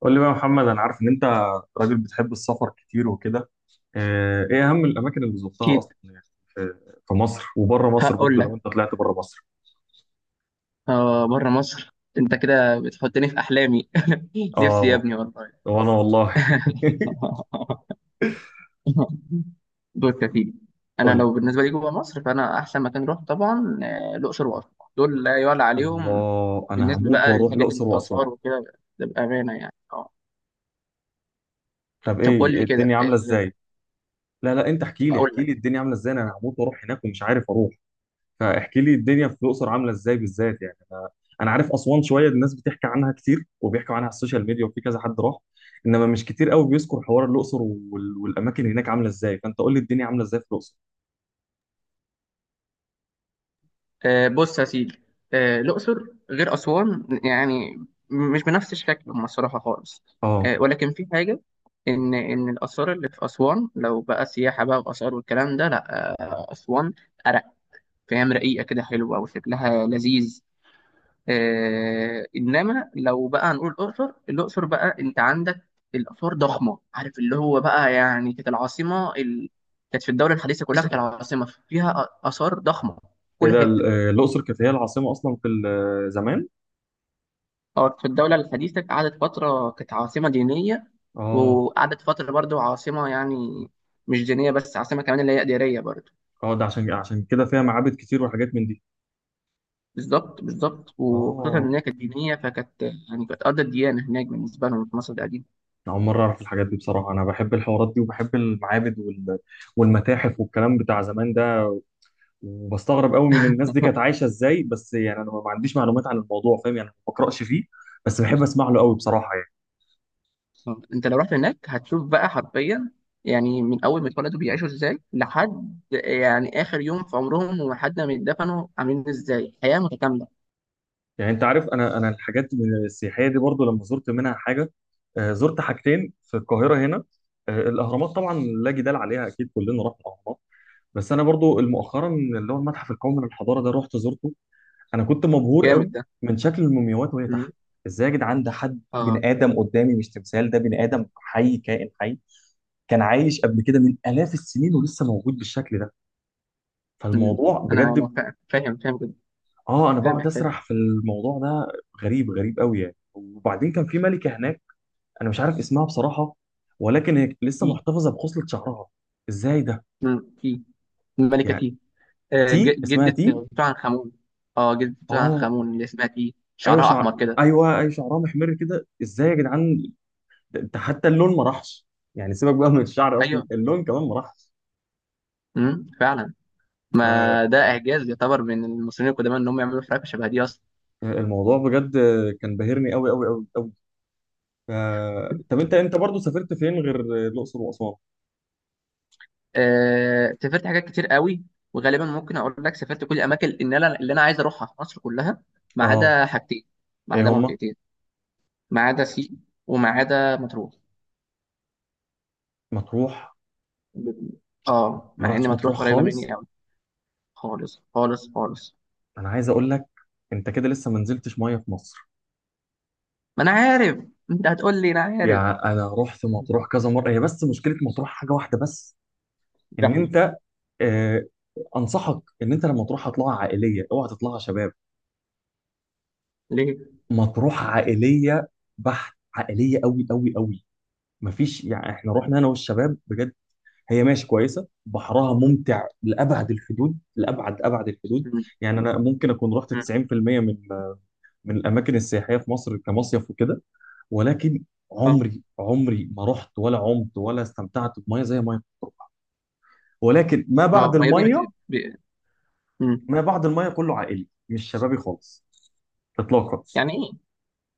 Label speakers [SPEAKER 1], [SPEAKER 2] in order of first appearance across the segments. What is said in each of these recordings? [SPEAKER 1] قول لي بقى يا محمد، انا عارف ان انت راجل بتحب السفر كتير وكده. ايه اهم الاماكن اللي زرتها اصلا
[SPEAKER 2] أكيد.
[SPEAKER 1] يعني في في مصر وبره مصر
[SPEAKER 2] هقول
[SPEAKER 1] برضه، لو
[SPEAKER 2] لك.
[SPEAKER 1] انت طلعت بره مصر.
[SPEAKER 2] بره مصر، أنت كده بتحطني في أحلامي. نفسي يا
[SPEAKER 1] اه
[SPEAKER 2] ابني والله.
[SPEAKER 1] وانا والله.
[SPEAKER 2] بص يا سيدي.
[SPEAKER 1] قول
[SPEAKER 2] أنا
[SPEAKER 1] لي.
[SPEAKER 2] لو بالنسبة لي جوه مصر، فأنا أحسن مكان أروح طبعا الأقصر وأسوان. دول لا يعلى عليهم.
[SPEAKER 1] الله، انا
[SPEAKER 2] بالنسبة
[SPEAKER 1] هموت
[SPEAKER 2] بقى
[SPEAKER 1] واروح
[SPEAKER 2] للحاجات
[SPEAKER 1] الاقصر واسوان.
[SPEAKER 2] الآثار وكده، ده بأمانة يعني.
[SPEAKER 1] طب
[SPEAKER 2] طب قول
[SPEAKER 1] إيه
[SPEAKER 2] لي كده.
[SPEAKER 1] الدنيا عامله ازاي؟ لا لا، انت احكي لي
[SPEAKER 2] هقول
[SPEAKER 1] احكي
[SPEAKER 2] لك.
[SPEAKER 1] لي الدنيا عامله ازاي، انا هموت واروح هناك ومش عارف اروح. فاحكي لي الدنيا في الاقصر عامله ازاي بالذات، يعني انا عارف اسوان شويه، الناس بتحكي عنها كتير وبيحكوا عنها على السوشيال ميديا وفي كذا حد راح. انما مش كتير قوي بيذكر حوار الاقصر والاماكن هناك عامله ازاي. فانت قول لي الدنيا عامله ازاي في الاقصر.
[SPEAKER 2] بص يا سيدي. الأقصر غير أسوان يعني مش بنفس شكلهم الصراحة خالص.
[SPEAKER 1] اه،
[SPEAKER 2] ولكن في حاجة، إن الآثار اللي في أسوان لو بقى سياحة بقى وآثار والكلام ده، لأ. أسوان أرق، فاهم، رقيقة كده، حلوة وشكلها لذيذ. إنما لو بقى هنقول الأقصر، الأقصر بقى أنت عندك الآثار ضخمة، عارف اللي هو بقى، يعني كانت العاصمة كانت في الدولة الحديثة كلها، كانت العاصمة فيها آثار ضخمة في
[SPEAKER 1] ايه
[SPEAKER 2] كل
[SPEAKER 1] ده
[SPEAKER 2] حتة.
[SPEAKER 1] الاقصر كانت هي العاصمه اصلا في زمان؟
[SPEAKER 2] اه، في الدولة الحديثة قعدت فترة كانت عاصمة دينية،
[SPEAKER 1] اه.
[SPEAKER 2] وقعدت فترة برضو عاصمة، يعني مش دينية بس، عاصمة كمان اللي هي إدارية برضو.
[SPEAKER 1] اه، ده عشان كده فيها معابد كتير وحاجات من دي.
[SPEAKER 2] بالظبط بالظبط، وخصوصا
[SPEAKER 1] اه.
[SPEAKER 2] إن هي كانت دينية، فكانت يعني كانت أرض الديانة هناك بالنسبة لهم في مصر القديمة.
[SPEAKER 1] أنا أول مرة أعرف الحاجات دي بصراحة، أنا بحب الحوارات دي وبحب المعابد والمتاحف والكلام بتاع زمان ده. وبستغرب قوي من الناس دي كانت عايشه ازاي، بس يعني انا ما عنديش معلومات عن الموضوع، فاهم؟ يعني ما بقراش فيه بس بحب اسمع له قوي بصراحه يعني.
[SPEAKER 2] أنت لو رحت هناك هتشوف بقى حرفيا، يعني من أول ما اتولدوا بيعيشوا إزاي، لحد يعني آخر يوم في عمرهم، ولحد ما يتدفنوا عاملين إزاي، حياة متكاملة.
[SPEAKER 1] يعني انت عارف، انا الحاجات من السياحيه دي برضو لما زرت منها حاجه، زرت حاجتين في القاهره هنا. الاهرامات طبعا لا جدال عليها، اكيد كلنا رحنا الاهرامات. بس انا برضو مؤخرا اللي هو المتحف القومي للحضاره ده رحت زرته. انا كنت مبهور
[SPEAKER 2] جامد
[SPEAKER 1] قوي
[SPEAKER 2] ده.
[SPEAKER 1] من شكل المومياوات وهي تحت.
[SPEAKER 2] مم.
[SPEAKER 1] ازاي يا جدعان؟ ده حد
[SPEAKER 2] اه.
[SPEAKER 1] بني ادم قدامي، مش تمثال، ده بني ادم حي، كائن حي كان عايش قبل كده من آلاف السنين ولسه موجود بالشكل ده.
[SPEAKER 2] مم.
[SPEAKER 1] فالموضوع
[SPEAKER 2] أنا
[SPEAKER 1] بجد.
[SPEAKER 2] أنا فاهم جدا.
[SPEAKER 1] اه، انا
[SPEAKER 2] فاهم
[SPEAKER 1] بقعد
[SPEAKER 2] إحساسك.
[SPEAKER 1] اسرح في الموضوع ده. غريب، غريب قوي يعني. وبعدين كان في ملكة هناك، انا مش عارف اسمها بصراحة، ولكن هي لسه محتفظة بخصلة شعرها. ازاي ده؟
[SPEAKER 2] مم. في الملكة
[SPEAKER 1] يعني
[SPEAKER 2] تي،
[SPEAKER 1] تي، اسمها
[SPEAKER 2] جدة
[SPEAKER 1] تي.
[SPEAKER 2] توت عنخ آمون. اه، جدة توت عنخ
[SPEAKER 1] اه،
[SPEAKER 2] آمون اللي اسمها تي،
[SPEAKER 1] ايوه
[SPEAKER 2] شعرها
[SPEAKER 1] شعر،
[SPEAKER 2] أحمر كده.
[SPEAKER 1] ايوه ايوه شعرها محمر كده. ازاي يا جدعان؟ ده ده حتى اللون ما راحش، يعني سيبك بقى من الشعر اصلا،
[SPEAKER 2] أيوه.
[SPEAKER 1] اللون كمان ما راحش.
[SPEAKER 2] مم. فعلا. ما ده إعجاز يعتبر من المصريين القدماء، إن هم يعملوا حركة شبه دي أصلا.
[SPEAKER 1] فالموضوع بجد كان باهرني قوي قوي قوي قوي. طب انت برضه سافرت فين غير الاقصر واسوان؟
[SPEAKER 2] سافرت حاجات كتير قوي. وغالبا ممكن أقول لك سافرت كل الأماكن اللي أنا عايز أروحها في مصر كلها، ما
[SPEAKER 1] اه،
[SPEAKER 2] عدا حاجتين. ما عدا
[SPEAKER 1] ايه هما؟
[SPEAKER 2] منطقتين. ما عدا سيوة، وما عدا مطروح.
[SPEAKER 1] مطروح.
[SPEAKER 2] اه،
[SPEAKER 1] ما
[SPEAKER 2] مع إن
[SPEAKER 1] رحتش
[SPEAKER 2] مطروح
[SPEAKER 1] مطروح
[SPEAKER 2] قريبة
[SPEAKER 1] خالص؟
[SPEAKER 2] مني قوي. خالص خالص خالص.
[SPEAKER 1] انا عايز اقول لك، انت كده لسه ما نزلتش ميه في مصر.
[SPEAKER 2] ما أنا عارف. أنت هتقول لي، أنا عارف.
[SPEAKER 1] يعني انا رحت مطروح كذا مره، هي بس مشكله مطروح حاجه واحده بس، ان
[SPEAKER 2] زحمة.
[SPEAKER 1] انت آه انصحك ان انت لما تروح هتطلعها عائليه، اوعى تطلعها شباب.
[SPEAKER 2] ليه؟
[SPEAKER 1] مطروح عائليه بحت، عائليه قوي قوي قوي. مفيش يعني، احنا رحنا انا والشباب بجد. هي ماشي كويسه، بحرها ممتع لابعد الحدود، لابعد ابعد الحدود.
[SPEAKER 2] مم.
[SPEAKER 1] يعني انا ممكن اكون رحت
[SPEAKER 2] مم.
[SPEAKER 1] 90% من الاماكن السياحيه في مصر كمصيف وكده، ولكن
[SPEAKER 2] اه.
[SPEAKER 1] عمري عمري ما رحت ولا عمت ولا استمتعت بميه زي ميه مطروح. ولكن ما
[SPEAKER 2] اه.
[SPEAKER 1] بعد
[SPEAKER 2] ما يا ابني
[SPEAKER 1] الميه،
[SPEAKER 2] مم.
[SPEAKER 1] ما بعد الميه كله عائلي، مش شبابي خالص، اطلاقا.
[SPEAKER 2] يعني ايه؟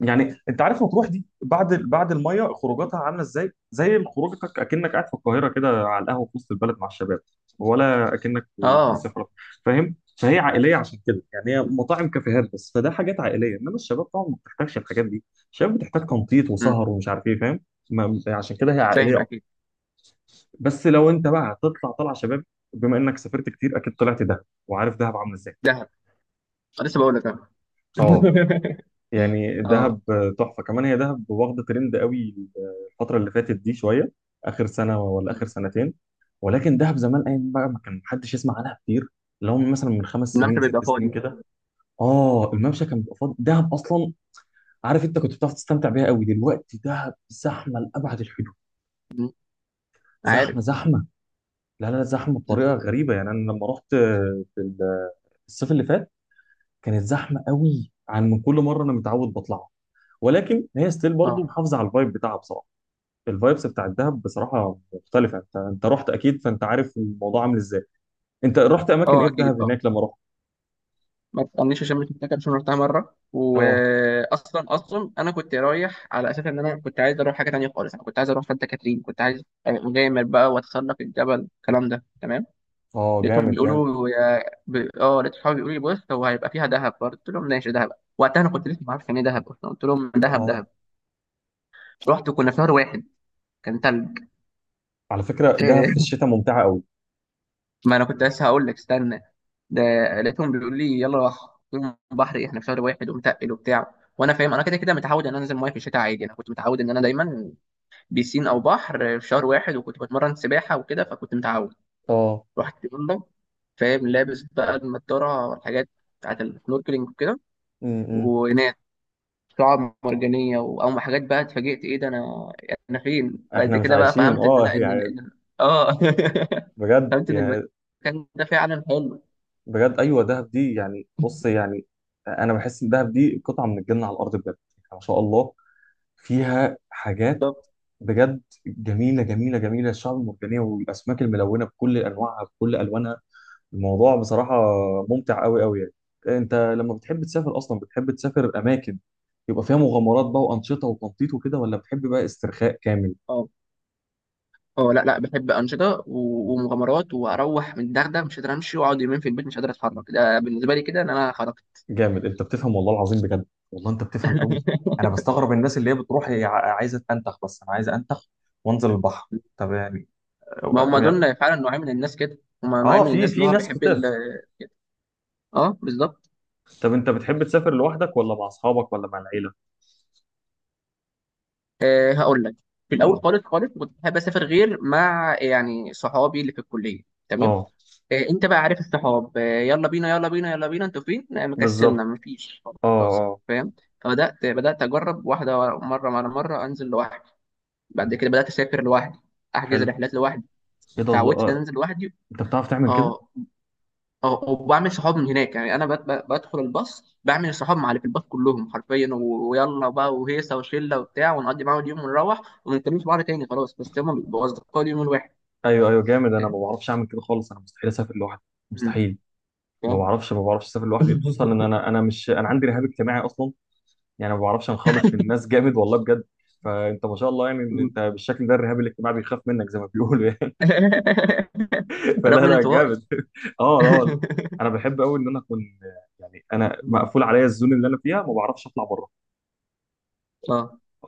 [SPEAKER 1] يعني انت عارف مطروح دي بعد الميه خروجاتها عامله ازاي؟ زي خروجتك اكنك قاعد في القاهره كده على القهوه في وسط البلد مع الشباب، ولا اكنك في
[SPEAKER 2] اه.
[SPEAKER 1] مصيف فاهم؟ فهي عائليه، عشان كده يعني، هي
[SPEAKER 2] مم.
[SPEAKER 1] مطاعم كافيهات بس، فده حاجات عائليه. انما الشباب طبعا ما بتحتاجش الحاجات دي، الشباب بتحتاج تنطيط وسهر
[SPEAKER 2] مم.
[SPEAKER 1] ومش عارف ايه، فاهم؟ عشان كده هي عائليه
[SPEAKER 2] فاهم
[SPEAKER 1] اكتر.
[SPEAKER 2] اكيد.
[SPEAKER 1] بس لو انت بقى هتطلع طلعه شباب، بما انك سافرت كتير اكيد طلعت دهب، وعارف دهب عامله ازاي.
[SPEAKER 2] دهب. أنا لسه بقول لك اه.
[SPEAKER 1] اه، يعني
[SPEAKER 2] اه.
[SPEAKER 1] دهب تحفه كمان، هي دهب واخده ترند قوي الفتره اللي فاتت دي شويه، اخر سنه ولا اخر
[SPEAKER 2] مم.
[SPEAKER 1] سنتين. ولكن دهب زمان، ايام بقى ما كان محدش يسمع عنها كتير، لو مثلا من خمس
[SPEAKER 2] الممشى
[SPEAKER 1] سنين
[SPEAKER 2] بيبقى
[SPEAKER 1] ست سنين
[SPEAKER 2] فاضي.
[SPEAKER 1] كده. اه، الممشى كان بيبقى فاضي، دهب اصلا عارف انت كنت بتعرف تستمتع بيها قوي. دلوقتي دهب زحمه لابعد الحدود،
[SPEAKER 2] مم. عارف.
[SPEAKER 1] زحمه زحمه. لا لا لا، زحمه بطريقه
[SPEAKER 2] مم.
[SPEAKER 1] غريبه يعني. انا لما رحت في الصيف اللي فات، كانت زحمه قوي عن من كل مره انا متعود بطلعها، ولكن هي ستيل برضه
[SPEAKER 2] اه.
[SPEAKER 1] محافظه على الفايب بتاعها بصراحه. الفايبس بتاع الدهب بصراحه مختلفه. انت رحت اكيد فانت عارف الموضوع عامل ازاي. انت رحت اماكن ايه
[SPEAKER 2] اه.
[SPEAKER 1] في
[SPEAKER 2] اكيد.
[SPEAKER 1] دهب
[SPEAKER 2] اه.
[SPEAKER 1] هناك لما رحت؟
[SPEAKER 2] ما تسالنيش عشان مش متذكر، عشان رحتها مره.
[SPEAKER 1] اه
[SPEAKER 2] واصلا انا كنت رايح على اساس ان انا كنت عايز اروح حاجه تانيه خالص، انا كنت عايز اروح سانتا كاترين، كنت عايز أبقى مغامر بقى واتسلق الجبل، الكلام ده تمام.
[SPEAKER 1] اه،
[SPEAKER 2] لقيتهم
[SPEAKER 1] جامد جامد.
[SPEAKER 2] بيقولوا يا ب... اه لقيت صحابي بيقولوا لي بص، هو هيبقى فيها دهب برضه، قلت لهم ماشي دهب. وقتها انا كنت لسه ما اعرفش يعني ايه دهب اصلا، قلت لهم دهب دهب.
[SPEAKER 1] اه،
[SPEAKER 2] رحت وكنا في شهر واحد، كان تلج.
[SPEAKER 1] على فكره دهب في الشتاء ممتعه قوي.
[SPEAKER 2] ما انا كنت لسه هقول لك استنى. ده لقيتهم بيقولوا لي يلا راح. قلت لهم بحر إيه؟ احنا في شهر واحد ومتقل وبتاع، وانا فاهم، انا كده كده متعود ان انا انزل ميه في الشتاء عادي. انا كنت متعود ان انا دايما بيسين او بحر في شهر واحد، وكنت بتمرن سباحه وكده، فكنت متعود.
[SPEAKER 1] اه.
[SPEAKER 2] رحت يلا. فاهم، لابس بقى النضاره والحاجات بتاعت السنوركلينج وكده،
[SPEAKER 1] امم.
[SPEAKER 2] ونام. شعاب مرجانيه او حاجات بقى، اتفاجئت ايه ده، انا انا فين؟ بعد
[SPEAKER 1] احنا مش
[SPEAKER 2] كده بقى
[SPEAKER 1] عايشين
[SPEAKER 2] فهمت ان
[SPEAKER 1] اه
[SPEAKER 2] لا، ان
[SPEAKER 1] يعني.
[SPEAKER 2] اه.
[SPEAKER 1] بجد
[SPEAKER 2] فهمت ان
[SPEAKER 1] يعني،
[SPEAKER 2] المكان ده فعلا حلو.
[SPEAKER 1] بجد ايوه، دهب دي يعني بص يعني، انا بحس ان دهب دي قطعه من الجنه على الارض، بجد يعني ما شاء الله فيها حاجات
[SPEAKER 2] بالظبط.
[SPEAKER 1] بجد جميله جميله جميله، الشعب المرجانيه والاسماك الملونه بكل انواعها بكل الوانها. الموضوع بصراحة ممتع قوي قوي يعني. انت لما بتحب تسافر اصلا، بتحب تسافر اماكن يبقى فيها مغامرات بقى وانشطة وتنطيط وكده، ولا بتحب بقى استرخاء كامل؟
[SPEAKER 2] اه اه. لا لا، بحب انشطه ومغامرات، واروح من الدغدغه مش قادر امشي، واقعد يومين في البيت مش قادر اتحرك، ده بالنسبه لي كده ان انا خرجت.
[SPEAKER 1] جامد، انت بتفهم والله العظيم، بجد والله انت بتفهم قوي. انا بستغرب الناس اللي هي بتروح هي عايزة تنتخ بس، انا عايزة انتخ وانزل البحر. طب يعني،
[SPEAKER 2] ما هم
[SPEAKER 1] يعني-
[SPEAKER 2] دول فعلا نوعين من الناس كده. هم نوعين
[SPEAKER 1] اه،
[SPEAKER 2] من
[SPEAKER 1] في
[SPEAKER 2] الناس، ان هو
[SPEAKER 1] ناس
[SPEAKER 2] بيحب ال.
[SPEAKER 1] كتير.
[SPEAKER 2] اه، بالظبط.
[SPEAKER 1] طب انت بتحب تسافر لوحدك ولا مع اصحابك ولا مع العيلة؟
[SPEAKER 2] هقول لك. في الاول خالص خالص كنت بحب اسافر غير مع، يعني، صحابي اللي في الكليه، تمام.
[SPEAKER 1] اه،
[SPEAKER 2] إيه، انت بقى عارف الصحاب، إيه، يلا بينا يلا بينا يلا بينا، انتوا فين؟ لا، مكسلنا،
[SPEAKER 1] بالظبط.
[SPEAKER 2] مفيش.
[SPEAKER 1] اه.
[SPEAKER 2] خلاص.
[SPEAKER 1] اه،
[SPEAKER 2] فاهم. فبدات اجرب واحده مره على مره انزل لوحدي. بعد كده بدات اسافر لوحدي، احجز
[SPEAKER 1] حلو.
[SPEAKER 2] رحلات لوحدي.
[SPEAKER 1] ايه ده، الله.
[SPEAKER 2] اتعودت ان أنا انزل لوحدي.
[SPEAKER 1] انت بتعرف تعمل كده؟
[SPEAKER 2] اه. اه. وبعمل صحاب من هناك، يعني انا بدخل الباص، بعمل الصحاب مع اللي في الباص كلهم حرفيا، ويلا بقى وهيصه وشله وبتاع، ونقضي معاهم اليوم ونروح، وما نتكلمش بعض تاني خلاص، بس هم بيبقوا اصدقاء اليوم الواحد.
[SPEAKER 1] ايوه ايوه جامد. انا ما
[SPEAKER 2] فاهم.
[SPEAKER 1] بعرفش اعمل كده خالص، انا مستحيل اسافر لوحدي،
[SPEAKER 2] مم،
[SPEAKER 1] مستحيل. ما
[SPEAKER 2] فاهم.
[SPEAKER 1] بعرفش، ما بعرفش اسافر لوحدي، خصوصا ان انا مش انا عندي رهاب اجتماعي اصلا، يعني ما بعرفش انخلط في الناس، جامد والله بجد. فانت ما شاء الله، يعني إن انت بالشكل ده الرهاب الاجتماعي بيخاف منك زي ما بيقولوا يعني. فلا
[SPEAKER 2] رغم من
[SPEAKER 1] لا
[SPEAKER 2] انطوائي.
[SPEAKER 1] جامد. اه لا والله. انا بحب قوي ان انا اكون، يعني انا مقفول عليا الزون اللي انا فيها، ما بعرفش اطلع بره.
[SPEAKER 2] اه.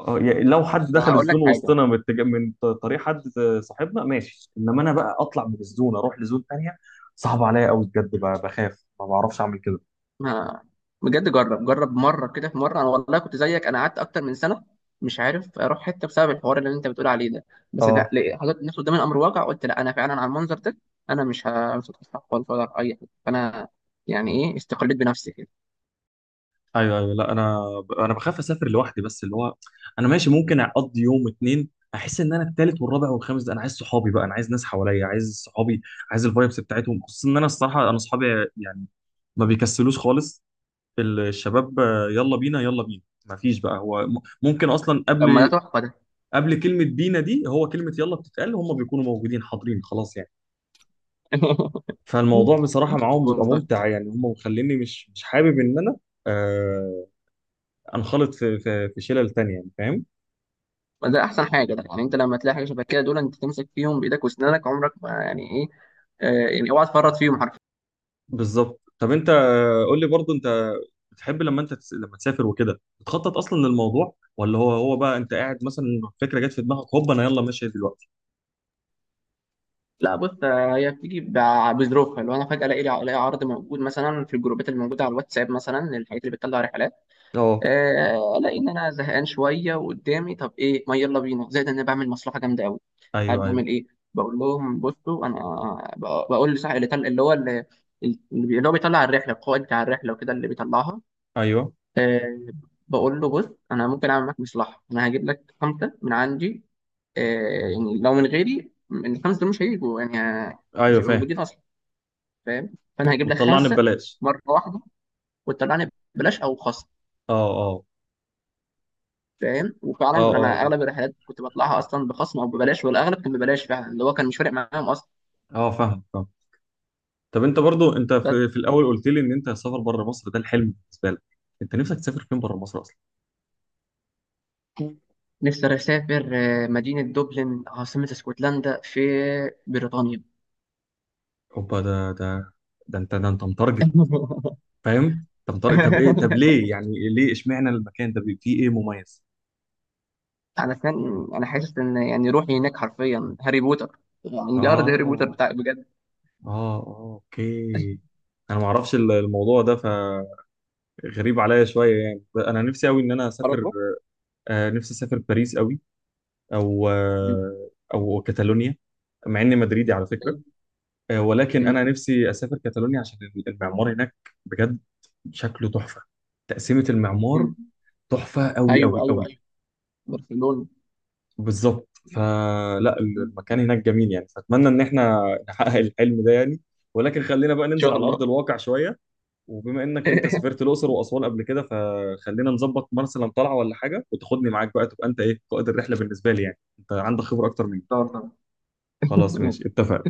[SPEAKER 1] اه، يعني لو حد
[SPEAKER 2] ما
[SPEAKER 1] دخل
[SPEAKER 2] هقول لك
[SPEAKER 1] الزون
[SPEAKER 2] حاجه.
[SPEAKER 1] وسطنا من طريق حد صاحبنا ماشي، انما انا بقى اطلع من الزون اروح لزون تانية، صعب عليا قوي بجد، بخاف ما بعرفش اعمل كده.
[SPEAKER 2] ما بجد، جرب جرب مره كده. في مره انا والله كنت زيك، انا قعدت اكتر من سنه مش عارف اروح حته بسبب الحوار اللي انت بتقول عليه ده. بس ده
[SPEAKER 1] اه،
[SPEAKER 2] حطيت نفسي قدام الامر الواقع، قلت لا، انا فعلا على المنظر ده، انا مش هتخطى خالص ولا هروح اي حته، فانا، يعني ايه، استقلت بنفسي كده.
[SPEAKER 1] ايوه ايوه لا، انا بخاف اسافر لوحدي، بس اللي هو انا ماشي ممكن اقضي يوم اتنين، احس ان انا التالت والرابع والخامس ده انا عايز صحابي بقى، انا عايز ناس حواليا، عايز صحابي، عايز الفايبس بتاعتهم. خصوصا ان انا الصراحه انا صحابي يعني ما بيكسلوش خالص، الشباب يلا بينا يلا بينا، ما فيش بقى، هو ممكن اصلا
[SPEAKER 2] طب ما ده
[SPEAKER 1] قبل،
[SPEAKER 2] تحفه ده.
[SPEAKER 1] قبل كلمة بينا دي هو كلمة يلا بتتقال هم بيكونوا موجودين حاضرين خلاص يعني. فالموضوع بصراحة معاهم بيبقى
[SPEAKER 2] والله.
[SPEAKER 1] ممتع يعني، هم مخليني مش حابب إن أنا آه أنخلط في في شلل تانية، يعني فاهم.
[SPEAKER 2] ما ده احسن حاجه ده، يعني انت لما تلاقي حاجه شبه كده دول، انت تمسك فيهم بايدك واسنانك، عمرك ما، يعني ايه، يعني اوعى تفرط فيهم حرفيا.
[SPEAKER 1] بالظبط. طب أنت قول لي برضو، أنت بتحب لما أنت لما تسافر وكده بتخطط أصلا للموضوع، ولا هو بقى أنت قاعد مثلا فكرة جت في دماغك هوب أنا يلا ماشي دلوقتي؟
[SPEAKER 2] لا بص، هي بتيجي بظروفها، لو انا فجاه الاقي لي، الاقي عرض موجود مثلا في الجروبات اللي موجوده على الواتساب، مثلا الحاجات اللي بتطلع رحلات،
[SPEAKER 1] اه.
[SPEAKER 2] الاقي ان انا زهقان شويه وقدامي، طب ايه، ما يلا بينا، زائد ان انا بعمل مصلحه جامده قوي. قاعد
[SPEAKER 1] أيوه أيوه
[SPEAKER 2] بعمل ايه؟ بقول لهم بصوا انا، بقول لصاحب اللي طل- اللي هو اللي اللي بي- اللي هو بيطلع الرحله، القائد بتاع الرحله وكده اللي بيطلعها،
[SPEAKER 1] أيوه
[SPEAKER 2] أه، بقول له بص، انا ممكن اعمل معاك مصلحه، انا هجيب لك خمسه من عندي، أه، يعني لو من غيري من الخمسه دول مش هيجوا، يعني مش
[SPEAKER 1] أيوه
[SPEAKER 2] هيبقوا
[SPEAKER 1] فاهم.
[SPEAKER 2] موجودين اصلا، فاهم، فانا هجيب لك
[SPEAKER 1] وتطلعني
[SPEAKER 2] خمسه
[SPEAKER 1] ببلاش.
[SPEAKER 2] مره واحده، وتطلعني ببلاش او خصم.
[SPEAKER 1] اه اه
[SPEAKER 2] فاهم. وفعلا
[SPEAKER 1] اه
[SPEAKER 2] انا
[SPEAKER 1] اه
[SPEAKER 2] اغلب الرحلات كنت بطلعها اصلا بخصم او ببلاش، والاغلب كان ببلاش فعلا، اللي هو كان مش فارق معاهم اصلا.
[SPEAKER 1] اه فاهم فاهم. طب انت برضو انت
[SPEAKER 2] بس
[SPEAKER 1] في, في الاول قلت لي ان انت سفر بره مصر ده الحلم بالنسبه لك، انت نفسك تسافر فين بره مصر اصلا؟
[SPEAKER 2] نفسي اسافر مدينه دوبلن، عاصمه اسكتلندا في بريطانيا.
[SPEAKER 1] اوبا، ده انت متارجت، فاهم؟ انت متارجت. طب ايه، طب ليه يعني، ليه اشمعنى المكان ده فيه ايه مميز؟
[SPEAKER 2] انا سنان، انا حاسس ان يعني روحي هناك حرفيا هاري بوتر، يعني مجرد هاري بوتر
[SPEAKER 1] اه،
[SPEAKER 2] بتاع بجد.
[SPEAKER 1] اه، اه، اوكي. انا ما اعرفش الموضوع ده فغريب عليا شويه، يعني انا نفسي قوي ان انا اسافر،
[SPEAKER 2] برضه.
[SPEAKER 1] نفسي اسافر باريس قوي، او
[SPEAKER 2] مم.
[SPEAKER 1] او كاتالونيا. مع اني مدريدي على فكره، ولكن
[SPEAKER 2] مم.
[SPEAKER 1] انا نفسي اسافر كاتالونيا عشان المعمار هناك، بجد شكله تحفه، تقسيمه المعمار
[SPEAKER 2] مم.
[SPEAKER 1] تحفه قوي
[SPEAKER 2] ايوه
[SPEAKER 1] قوي
[SPEAKER 2] ايوه
[SPEAKER 1] قوي.
[SPEAKER 2] ايوه، برشلونه.
[SPEAKER 1] بالظبط. فلا،
[SPEAKER 2] مم. ان
[SPEAKER 1] المكان هناك جميل يعني، فاتمنى ان احنا نحقق الحلم ده يعني. ولكن خلينا بقى ننزل
[SPEAKER 2] شاء
[SPEAKER 1] على ارض
[SPEAKER 2] الله.
[SPEAKER 1] الواقع شويه، وبما انك انت سافرت
[SPEAKER 2] ان
[SPEAKER 1] الاقصر واسوان قبل كده، فخلينا نظبط مثلا طلعه ولا حاجه وتاخدني معاك، بقى تبقى انت ايه، قائد الرحله بالنسبه لي، يعني انت عندك خبره اكتر مني.
[SPEAKER 2] شاء الله.
[SPEAKER 1] خلاص ماشي، اتفق.